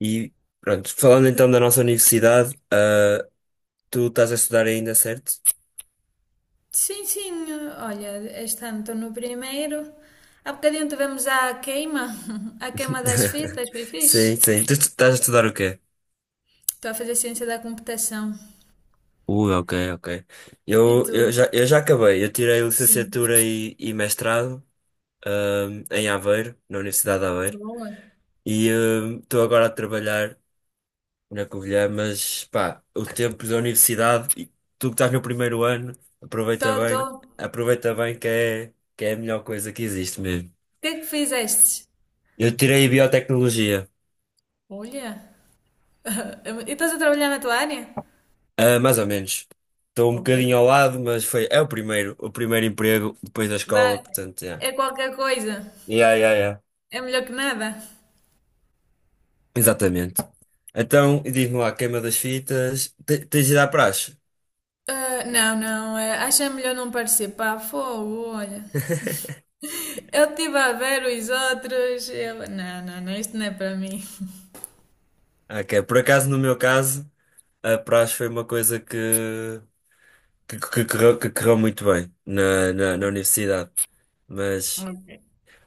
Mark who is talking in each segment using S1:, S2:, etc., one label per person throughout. S1: E pronto, falando então da nossa universidade, tu estás a estudar ainda, certo?
S2: Sim, sim, olha, este ano estou no primeiro. Há bocadinho tivemos a queima das fitas, foi
S1: Sim,
S2: fixe.
S1: sim. Tu estás a estudar o quê?
S2: Estou a fazer ciência da computação.
S1: Ui, ok, ok.
S2: E
S1: Eu,
S2: tu?
S1: eu já, eu já acabei. Eu tirei
S2: Sim,
S1: licenciatura e mestrado, em Aveiro, na Universidade de Aveiro.
S2: boa.
S1: E estou agora a trabalhar na Covilhã, mas pá, o tempo da universidade, e tu que estás no primeiro ano, aproveita
S2: Estou, estou.
S1: bem,
S2: O
S1: aproveita bem que é a melhor coisa que existe mesmo.
S2: que é que fizeste?
S1: Eu tirei biotecnologia.
S2: Olha, e estás a trabalhar na tua área?
S1: Ah, mais ou menos. Estou um
S2: Ok.
S1: bocadinho ao lado, mas foi, é o primeiro emprego depois da
S2: Vá,
S1: escola, portanto, é.
S2: é qualquer coisa.
S1: Yeah, yeah, yeah.
S2: É melhor que nada.
S1: Exatamente. Então, e diz-me lá, queima das fitas, tens ido à praxe?
S2: Ah, não, não, acho é melhor não participar. Fogo, olha. Eu estive a ver os outros. Eu... Não, não, não, isto não é para mim.
S1: Ah, ok. Por acaso, no meu caso, a praxe foi uma coisa que correu muito bem na universidade. Mas,
S2: Ok.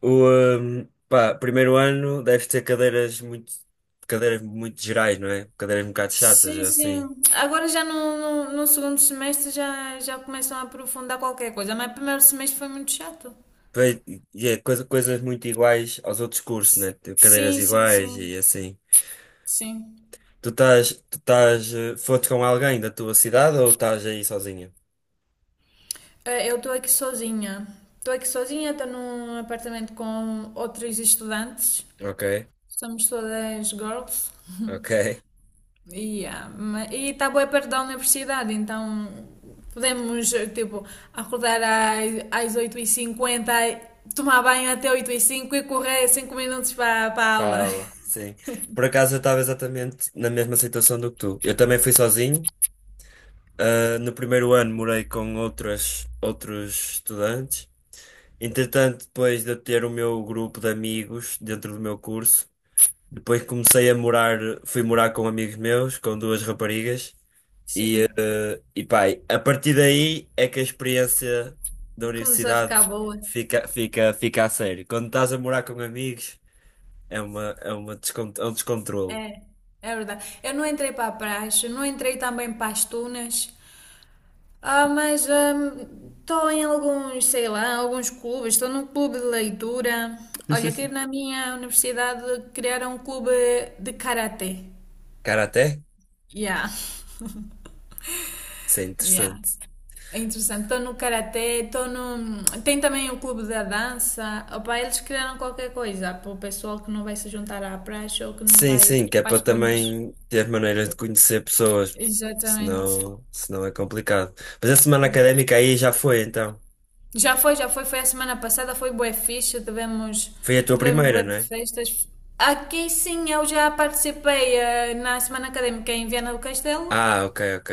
S1: o, primeiro ano deve ter cadeiras muito gerais, não é? Cadeiras um bocado chatas,
S2: Sim,
S1: assim.
S2: sim. Agora já no segundo semestre já começam a aprofundar qualquer coisa, mas o primeiro semestre foi muito chato.
S1: Pois, e é coisas muito iguais aos outros cursos, né? Tipo, cadeiras
S2: Sim, sim,
S1: iguais
S2: sim.
S1: e assim.
S2: Sim.
S1: Foste com alguém da tua cidade ou estás aí sozinha?
S2: Eu estou aqui sozinha. Estou aqui sozinha, estou num apartamento com outros estudantes.
S1: Ok,
S2: Somos todas girls.
S1: ok.
S2: Yeah, e está bué perto da universidade, então podemos tipo, acordar às 8:50, tomar banho até 8:05 e correr 5 minutos para a aula.
S1: Fala, sim. Por acaso eu estava exatamente na mesma situação do que tu. Eu também fui sozinho. Ah, no primeiro ano morei com outros estudantes. Entretanto, depois de eu ter o meu grupo de amigos dentro do meu curso, depois comecei a morar, fui morar com amigos meus, com duas raparigas. E,
S2: Sim,
S1: e pá, a partir daí é que a experiência da
S2: começou a
S1: universidade
S2: ficar boa.
S1: fica a sério. Quando estás a morar com amigos, é uma é um descontrole.
S2: É, é verdade. Eu não entrei para a praxe, não entrei também para as tunas, mas estou em alguns, sei lá, alguns clubes, estou num clube de leitura. Olha, aqui na minha universidade criaram um clube de karatê.
S1: Cara, até?
S2: Yeah,
S1: Isso é
S2: yeah.
S1: interessante.
S2: É interessante. Estou no karatê, estou no. Tem também o clube da dança. Opa, eles criaram qualquer coisa para o pessoal que não vai se juntar à praxe ou que não
S1: Sim,
S2: vai
S1: sim, que é
S2: para as
S1: para
S2: zonas.
S1: também ter maneiras de conhecer pessoas.
S2: Exatamente.
S1: Senão, senão é complicado. Mas a semana académica aí já foi, então.
S2: Já foi, já foi. Foi a semana passada, foi bué fixe. Tivemos,
S1: Foi a tua
S2: tivemos
S1: primeira,
S2: bué
S1: não
S2: de
S1: é?
S2: festas. Aqui sim, eu já participei na semana académica em Viana do Castelo.
S1: Ah, ok, ok.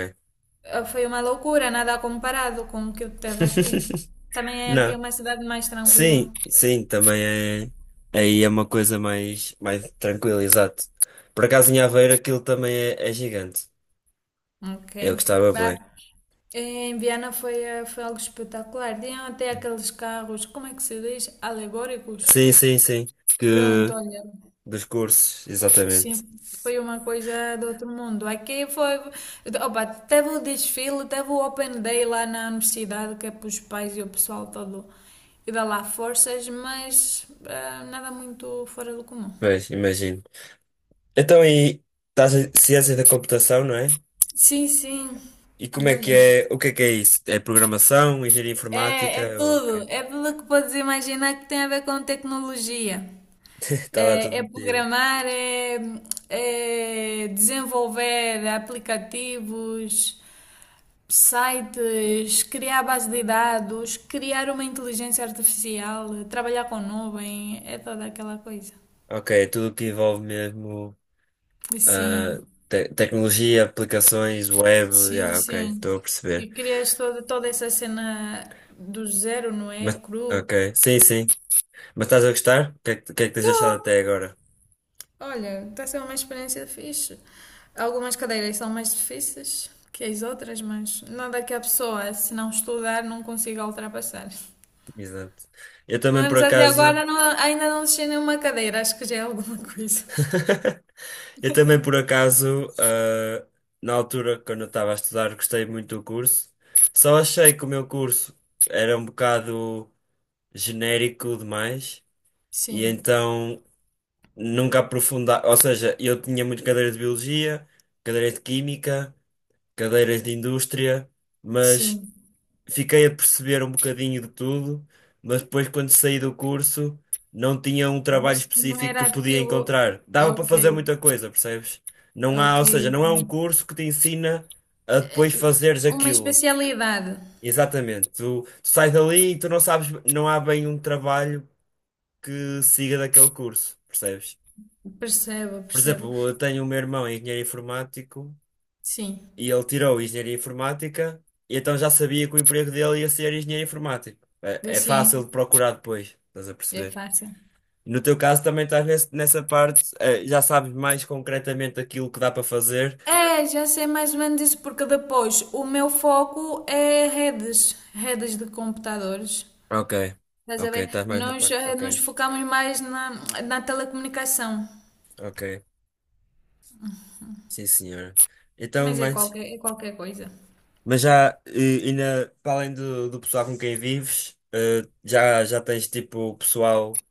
S2: Foi uma loucura, nada comparado com o que eu teve aqui. Também é aqui
S1: Não.
S2: uma cidade mais tranquila.
S1: Sim, sim, também é. Aí é uma coisa mais, mais tranquila, exato. Por acaso em Aveiro aquilo também é, é gigante.
S2: Ok.
S1: Eu gostava
S2: Bah,
S1: bem.
S2: em Viena foi algo espetacular. Tinham até aqueles carros, como é que se diz? Alegóricos.
S1: Sim, sim, sim. Que,
S2: Pronto, olha,
S1: dos cursos, exatamente.
S2: sim, foi uma coisa do outro mundo. Aqui foi. Opa, teve o desfile, teve o Open Day lá na universidade, que é para os pais e o pessoal todo e dá lá forças, mas nada muito fora do comum.
S1: Pois, imagino. Então, e estás em ciência da computação, não é?
S2: Sim, sim,
S1: E como é que
S2: olha.
S1: é? O que é isso? É programação, engenharia
S2: É
S1: informática? Ou o
S2: tudo.
S1: quê?
S2: É tudo que podes imaginar que tem a ver com tecnologia.
S1: Está lá
S2: É,
S1: tudo
S2: é
S1: metido.
S2: programar, é desenvolver aplicativos, sites, criar base de dados, criar uma inteligência artificial, trabalhar com nuvem, é toda aquela coisa.
S1: Ok, tudo que envolve mesmo.
S2: E
S1: Ah,
S2: sim,
S1: tecnologia, aplicações, web,
S2: sim,
S1: ok,
S2: sim.
S1: estou a perceber.
S2: E crias toda essa cena do zero, não é?
S1: Mas, ok,
S2: Cru.
S1: sim, sim. Mas estás a gostar? O que é que tens achado até
S2: Tô.
S1: agora?
S2: Olha, está a ser uma experiência fixe. Algumas cadeiras são mais difíceis que as outras, mas nada que a pessoa, se não estudar, não consiga ultrapassar.
S1: Exato. Eu
S2: Pelo
S1: também por
S2: menos até
S1: acaso,
S2: agora ainda não deixei nenhuma cadeira, acho que já é alguma coisa.
S1: eu também por acaso, na altura quando eu estava a estudar, gostei muito do curso. Só achei que o meu curso era um bocado genérico demais e
S2: Sim,
S1: então nunca aprofundar, ou seja, eu tinha muito cadeira de biologia, cadeira de química, cadeiras de indústria, mas
S2: sim.
S1: fiquei a perceber um bocadinho de tudo, mas depois quando saí do curso não tinha um trabalho
S2: Mas não
S1: específico que
S2: era
S1: podia
S2: aquilo.
S1: encontrar. Dava para fazer
S2: Ok,
S1: muita coisa, percebes? Não há,
S2: ok,
S1: ou seja,
S2: ok.
S1: não é um curso que te ensina a depois fazeres
S2: Uma
S1: aquilo.
S2: especialidade.
S1: Exatamente. Tu sais dali e tu não sabes, não há bem um trabalho que siga daquele curso, percebes?
S2: Percebo,
S1: Por
S2: percebo.
S1: exemplo, eu tenho o meu irmão, é engenheiro informático.
S2: Sim,
S1: E ele tirou engenharia informática, e então já sabia que o emprego dele ia ser engenheiro informático. É, é
S2: assim
S1: fácil de procurar depois, estás a
S2: é
S1: perceber?
S2: fácil.
S1: E no teu caso também estás nessa parte, já sabes mais concretamente aquilo que dá para fazer.
S2: É, já sei mais ou menos isso, porque depois o meu foco é redes, redes de computadores.
S1: Ok,
S2: Estás a
S1: ok,
S2: ver?
S1: estás mais na
S2: Nós
S1: parte. Ok,
S2: nos focamos mais na telecomunicação,
S1: ok, sim senhora. Então,
S2: mas é qualquer, é qualquer coisa.
S1: mas já, ainda, para além do pessoal com quem vives, já tens tipo pessoal,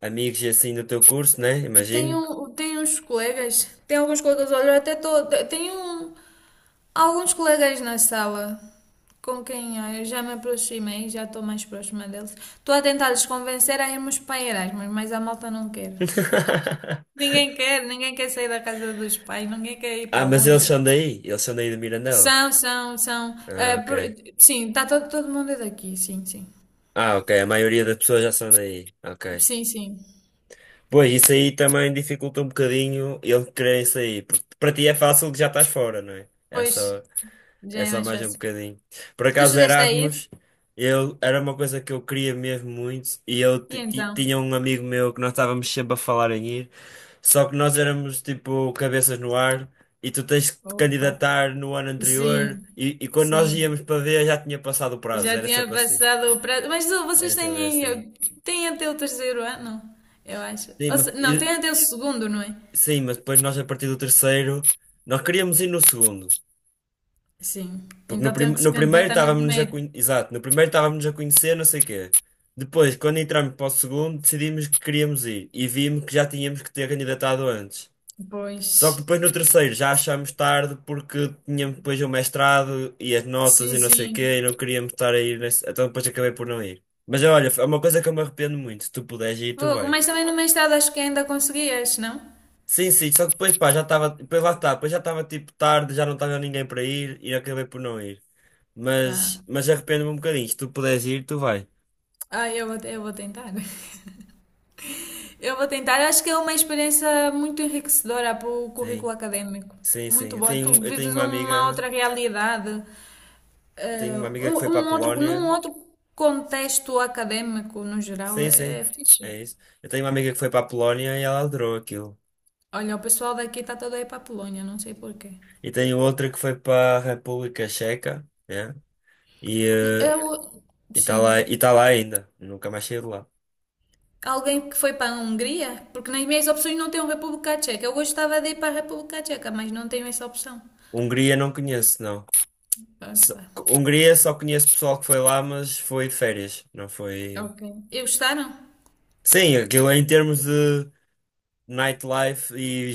S1: amigos e assim do teu curso, né? Imagino.
S2: Tenho uns colegas, tenho alguns colegas, olha, eu até tô, tenho alguns colegas na sala com quem eu já me aproximei, já estou mais próxima deles. Estou a tentar-los convencer a irmos para Erasmus, mas a malta não quer. Ninguém quer, ninguém quer sair da casa dos pais, ninguém quer ir
S1: Ah,
S2: para
S1: mas eles
S2: longe.
S1: são daí? Eles são daí de Mirandela?
S2: São, são, são.
S1: Ah, ok.
S2: Sim, está todo mundo é daqui, sim, sim.
S1: Ah, ok. A maioria das pessoas já são daí. Ok.
S2: Sim, sim.
S1: Pois, isso aí também dificulta um bocadinho eles quererem sair. Porque para ti é fácil que já estás fora, não é? É
S2: Pois,
S1: só.
S2: já
S1: É
S2: é
S1: só
S2: mais
S1: mais um
S2: fácil.
S1: bocadinho. Por
S2: Tu
S1: acaso,
S2: chegaste a ir?
S1: Erasmus, eu, era uma coisa que eu queria mesmo muito. E eu
S2: E então?
S1: tinha um amigo meu que nós estávamos sempre a falar em ir. Só que nós éramos tipo cabeças no ar. E tu tens que te
S2: Opa,
S1: candidatar no ano anterior.
S2: sim,
S1: E quando nós
S2: sim.
S1: íamos para ver, já tinha passado o
S2: Já
S1: prazo. Era
S2: tinha
S1: sempre assim.
S2: passado o prazo. Mas oh, vocês
S1: Era sempre
S2: têm,
S1: assim.
S2: aí- têm até o terceiro ano, eu acho.
S1: Sim,
S2: Ou
S1: mas,
S2: não, têm até o segundo, não é?
S1: sim, mas depois nós, a partir do terceiro, nós queríamos ir no segundo.
S2: Sim.
S1: Porque no,
S2: Então tinham que se
S1: no primeiro
S2: candidatar no
S1: estávamos a
S2: primeiro.
S1: conhecer. Exato, no primeiro estávamos a conhecer, não sei o quê. Depois, quando entramos para o segundo, decidimos que queríamos ir e vimos que já tínhamos que ter candidatado antes. Só que
S2: Pois.
S1: depois no terceiro já achámos tarde porque tínhamos depois o mestrado e as notas
S2: Sim,
S1: e não sei o quê e
S2: sim.
S1: não queríamos estar a ir nesse... Então depois acabei por não ir. Mas olha, é uma coisa que eu me arrependo muito. Se tu puderes ir, tu
S2: Fogo,
S1: vai.
S2: mas também no mestrado acho que ainda conseguias, não?
S1: Sim, sim, só que depois pá, já estava. Depois lá está, depois já estava tipo tarde, já não estava ninguém para ir e acabei por não ir.
S2: Vá.
S1: Mas arrependo-me um bocadinho. Se tu puderes ir, tu vai.
S2: Ah, eu vou tentar. Eu vou tentar. Acho que é uma experiência muito enriquecedora para o currículo
S1: Sim,
S2: académico.
S1: sim, sim.
S2: Muito
S1: Eu
S2: boa. Tu
S1: tenho, eu tenho
S2: vives
S1: uma
S2: uma
S1: amiga,
S2: outra realidade,
S1: eu tenho uma amiga que foi para a
S2: num
S1: Polónia.
S2: outro contexto académico no geral.
S1: Sim,
S2: É
S1: sim.
S2: fixe.
S1: É isso. Eu tenho uma amiga que foi para a Polónia e ela adorou aquilo.
S2: Olha, o pessoal daqui está todo aí para a Polónia, não sei porquê.
S1: E tenho outra que foi para a República Checa, né? E
S2: Eu,
S1: e está lá,
S2: sim,
S1: e tá lá ainda. Nunca mais saí de lá.
S2: alguém que foi para a Hungria, porque nas minhas opções não tem a República Tcheca. Eu gostava de ir para a República Tcheca, mas não tenho essa opção.
S1: Hungria não conheço, não. Só-
S2: Opa.
S1: Hungria só conheço pessoal que foi lá, mas foi de férias, não foi.
S2: Ok. E gostaram?
S1: Sim, aquilo em termos de nightlife e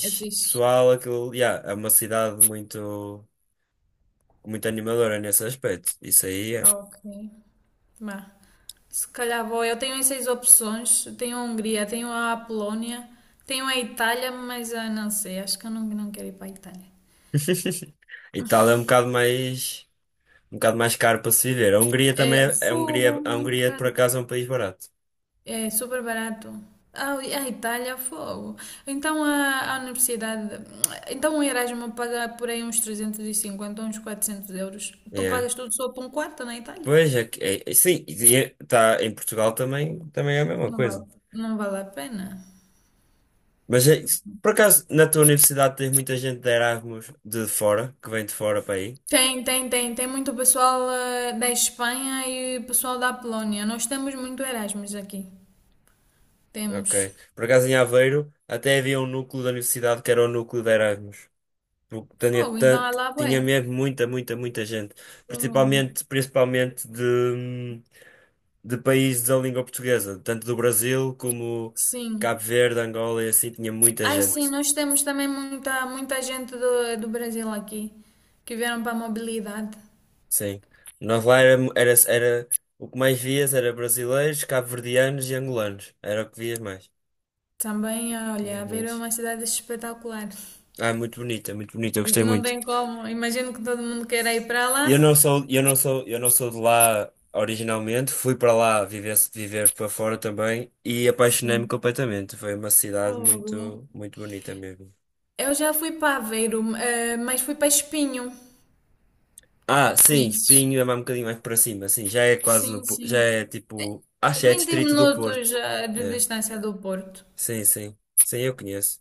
S2: É fixe.
S1: pessoal, aquilo, yeah, é uma cidade muito, muito animadora nesse aspecto. Isso aí é.
S2: Ok. Bah. Se calhar vou. Eu tenho essas opções. Tenho a Hungria, tenho a Polónia, tenho a Itália, mas não sei. Acho que eu não quero ir para a Itália.
S1: Itália é um bocado mais caro para se viver. A Hungria também
S2: É, o
S1: é,
S2: fogo,
S1: a
S2: muito
S1: Hungria por
S2: caro.
S1: acaso é um país barato.
S2: É super barato. Ah, a Itália, fogo. Então a universidade. Então o erasmus paga por aí uns 350, uns 400 euros. Tu
S1: Yeah.
S2: pagas tudo só para um quarto na Itália?
S1: Pois é, sim, e tá, em Portugal também, também é a mesma
S2: Não
S1: coisa.
S2: vale, não vale a pena.
S1: Mas por acaso na tua universidade tens muita gente de Erasmus de fora, que vem de fora para aí?
S2: Tem, tem, tem. Tem muito pessoal da Espanha e pessoal da Polónia. Nós temos muito Erasmus aqui.
S1: Ok.
S2: Temos.
S1: Por acaso em Aveiro até havia um núcleo da universidade que era o núcleo de Erasmus. Porque tinha,
S2: Fogo, então é lá,
S1: tinha
S2: bué.
S1: mesmo muita, muita, muita gente.
S2: Fogo.
S1: Principalmente, principalmente de países da língua portuguesa. Tanto do Brasil como
S2: Sim.
S1: Cabo Verde, Angola e assim. Tinha muita
S2: Ai, sim,
S1: gente.
S2: nós temos também muita, muita gente do Brasil aqui que vieram para a mobilidade.
S1: Sim. Nós lá o que mais vias era brasileiros, cabo-verdianos e angolanos. Era o que vias mais.
S2: Também,
S1: Tinha
S2: olha, Aveiro é
S1: muitos.
S2: uma cidade espetacular.
S1: Ah, muito bonito, é muito bonito. Eu gostei
S2: Não
S1: muito.
S2: tem como. Imagino que todo mundo queira ir para
S1: Eu
S2: lá.
S1: não sou, eu não sou, eu não sou de lá originalmente, fui para lá viver, viver para fora também e apaixonei-me
S2: Sim.
S1: completamente. Foi uma cidade
S2: Fogo.
S1: muito, muito bonita mesmo.
S2: Eu já fui para Aveiro, mas fui para Espinho.
S1: Ah, sim,
S2: Conheces?
S1: Espinho é mais um bocadinho mais para cima, sim, já é quase no,
S2: Sim,
S1: Já
S2: sim.
S1: é tipo, acho que é
S2: vinte
S1: distrito do
S2: minutos
S1: Porto.
S2: de
S1: É,
S2: distância do Porto.
S1: sim, sim. Sim, eu conheço.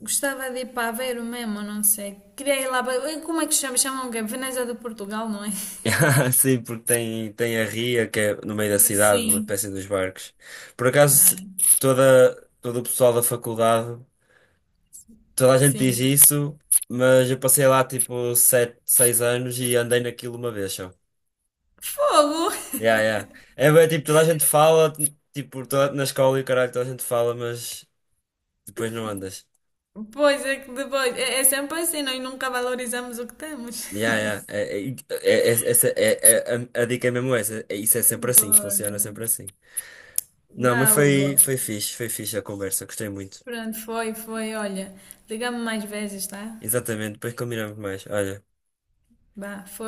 S2: Gostava de ir para Aveiro mesmo, não sei. Queria ir lá para... Como é que chama? Chamam o quê? Veneza de Portugal, não é?
S1: Sim, porque tem, tem a ria que é no meio da cidade, uma
S2: Sim,
S1: espécie dos barcos. Por acaso,
S2: bem,
S1: toda, todo o pessoal da faculdade. Toda a gente diz
S2: sim.
S1: isso, mas eu passei lá tipo 7 6 anos e andei naquilo uma vez só.
S2: Fogo!
S1: Yeah, yeah. É bem, tipo, toda a gente fala, tipo, toda, na escola e o caralho, toda a gente fala, mas depois não andas.
S2: Pois é que depois. É sempre assim, nós nunca valorizamos o que temos.
S1: Yeah, yeah. É, é, é- é- essa, é, é- é, a, A dica é mesmo essa. Isso é sempre assim,
S2: Bora.
S1: funciona sempre assim. Não,
S2: Vá,
S1: mas
S2: Hugo.
S1: foi, foi fixe a conversa, gostei muito.
S2: Pronto, foi. Olha, liga-me mais vezes, tá?
S1: Exatamente, depois combinamos mais. Olha.
S2: Vá, força.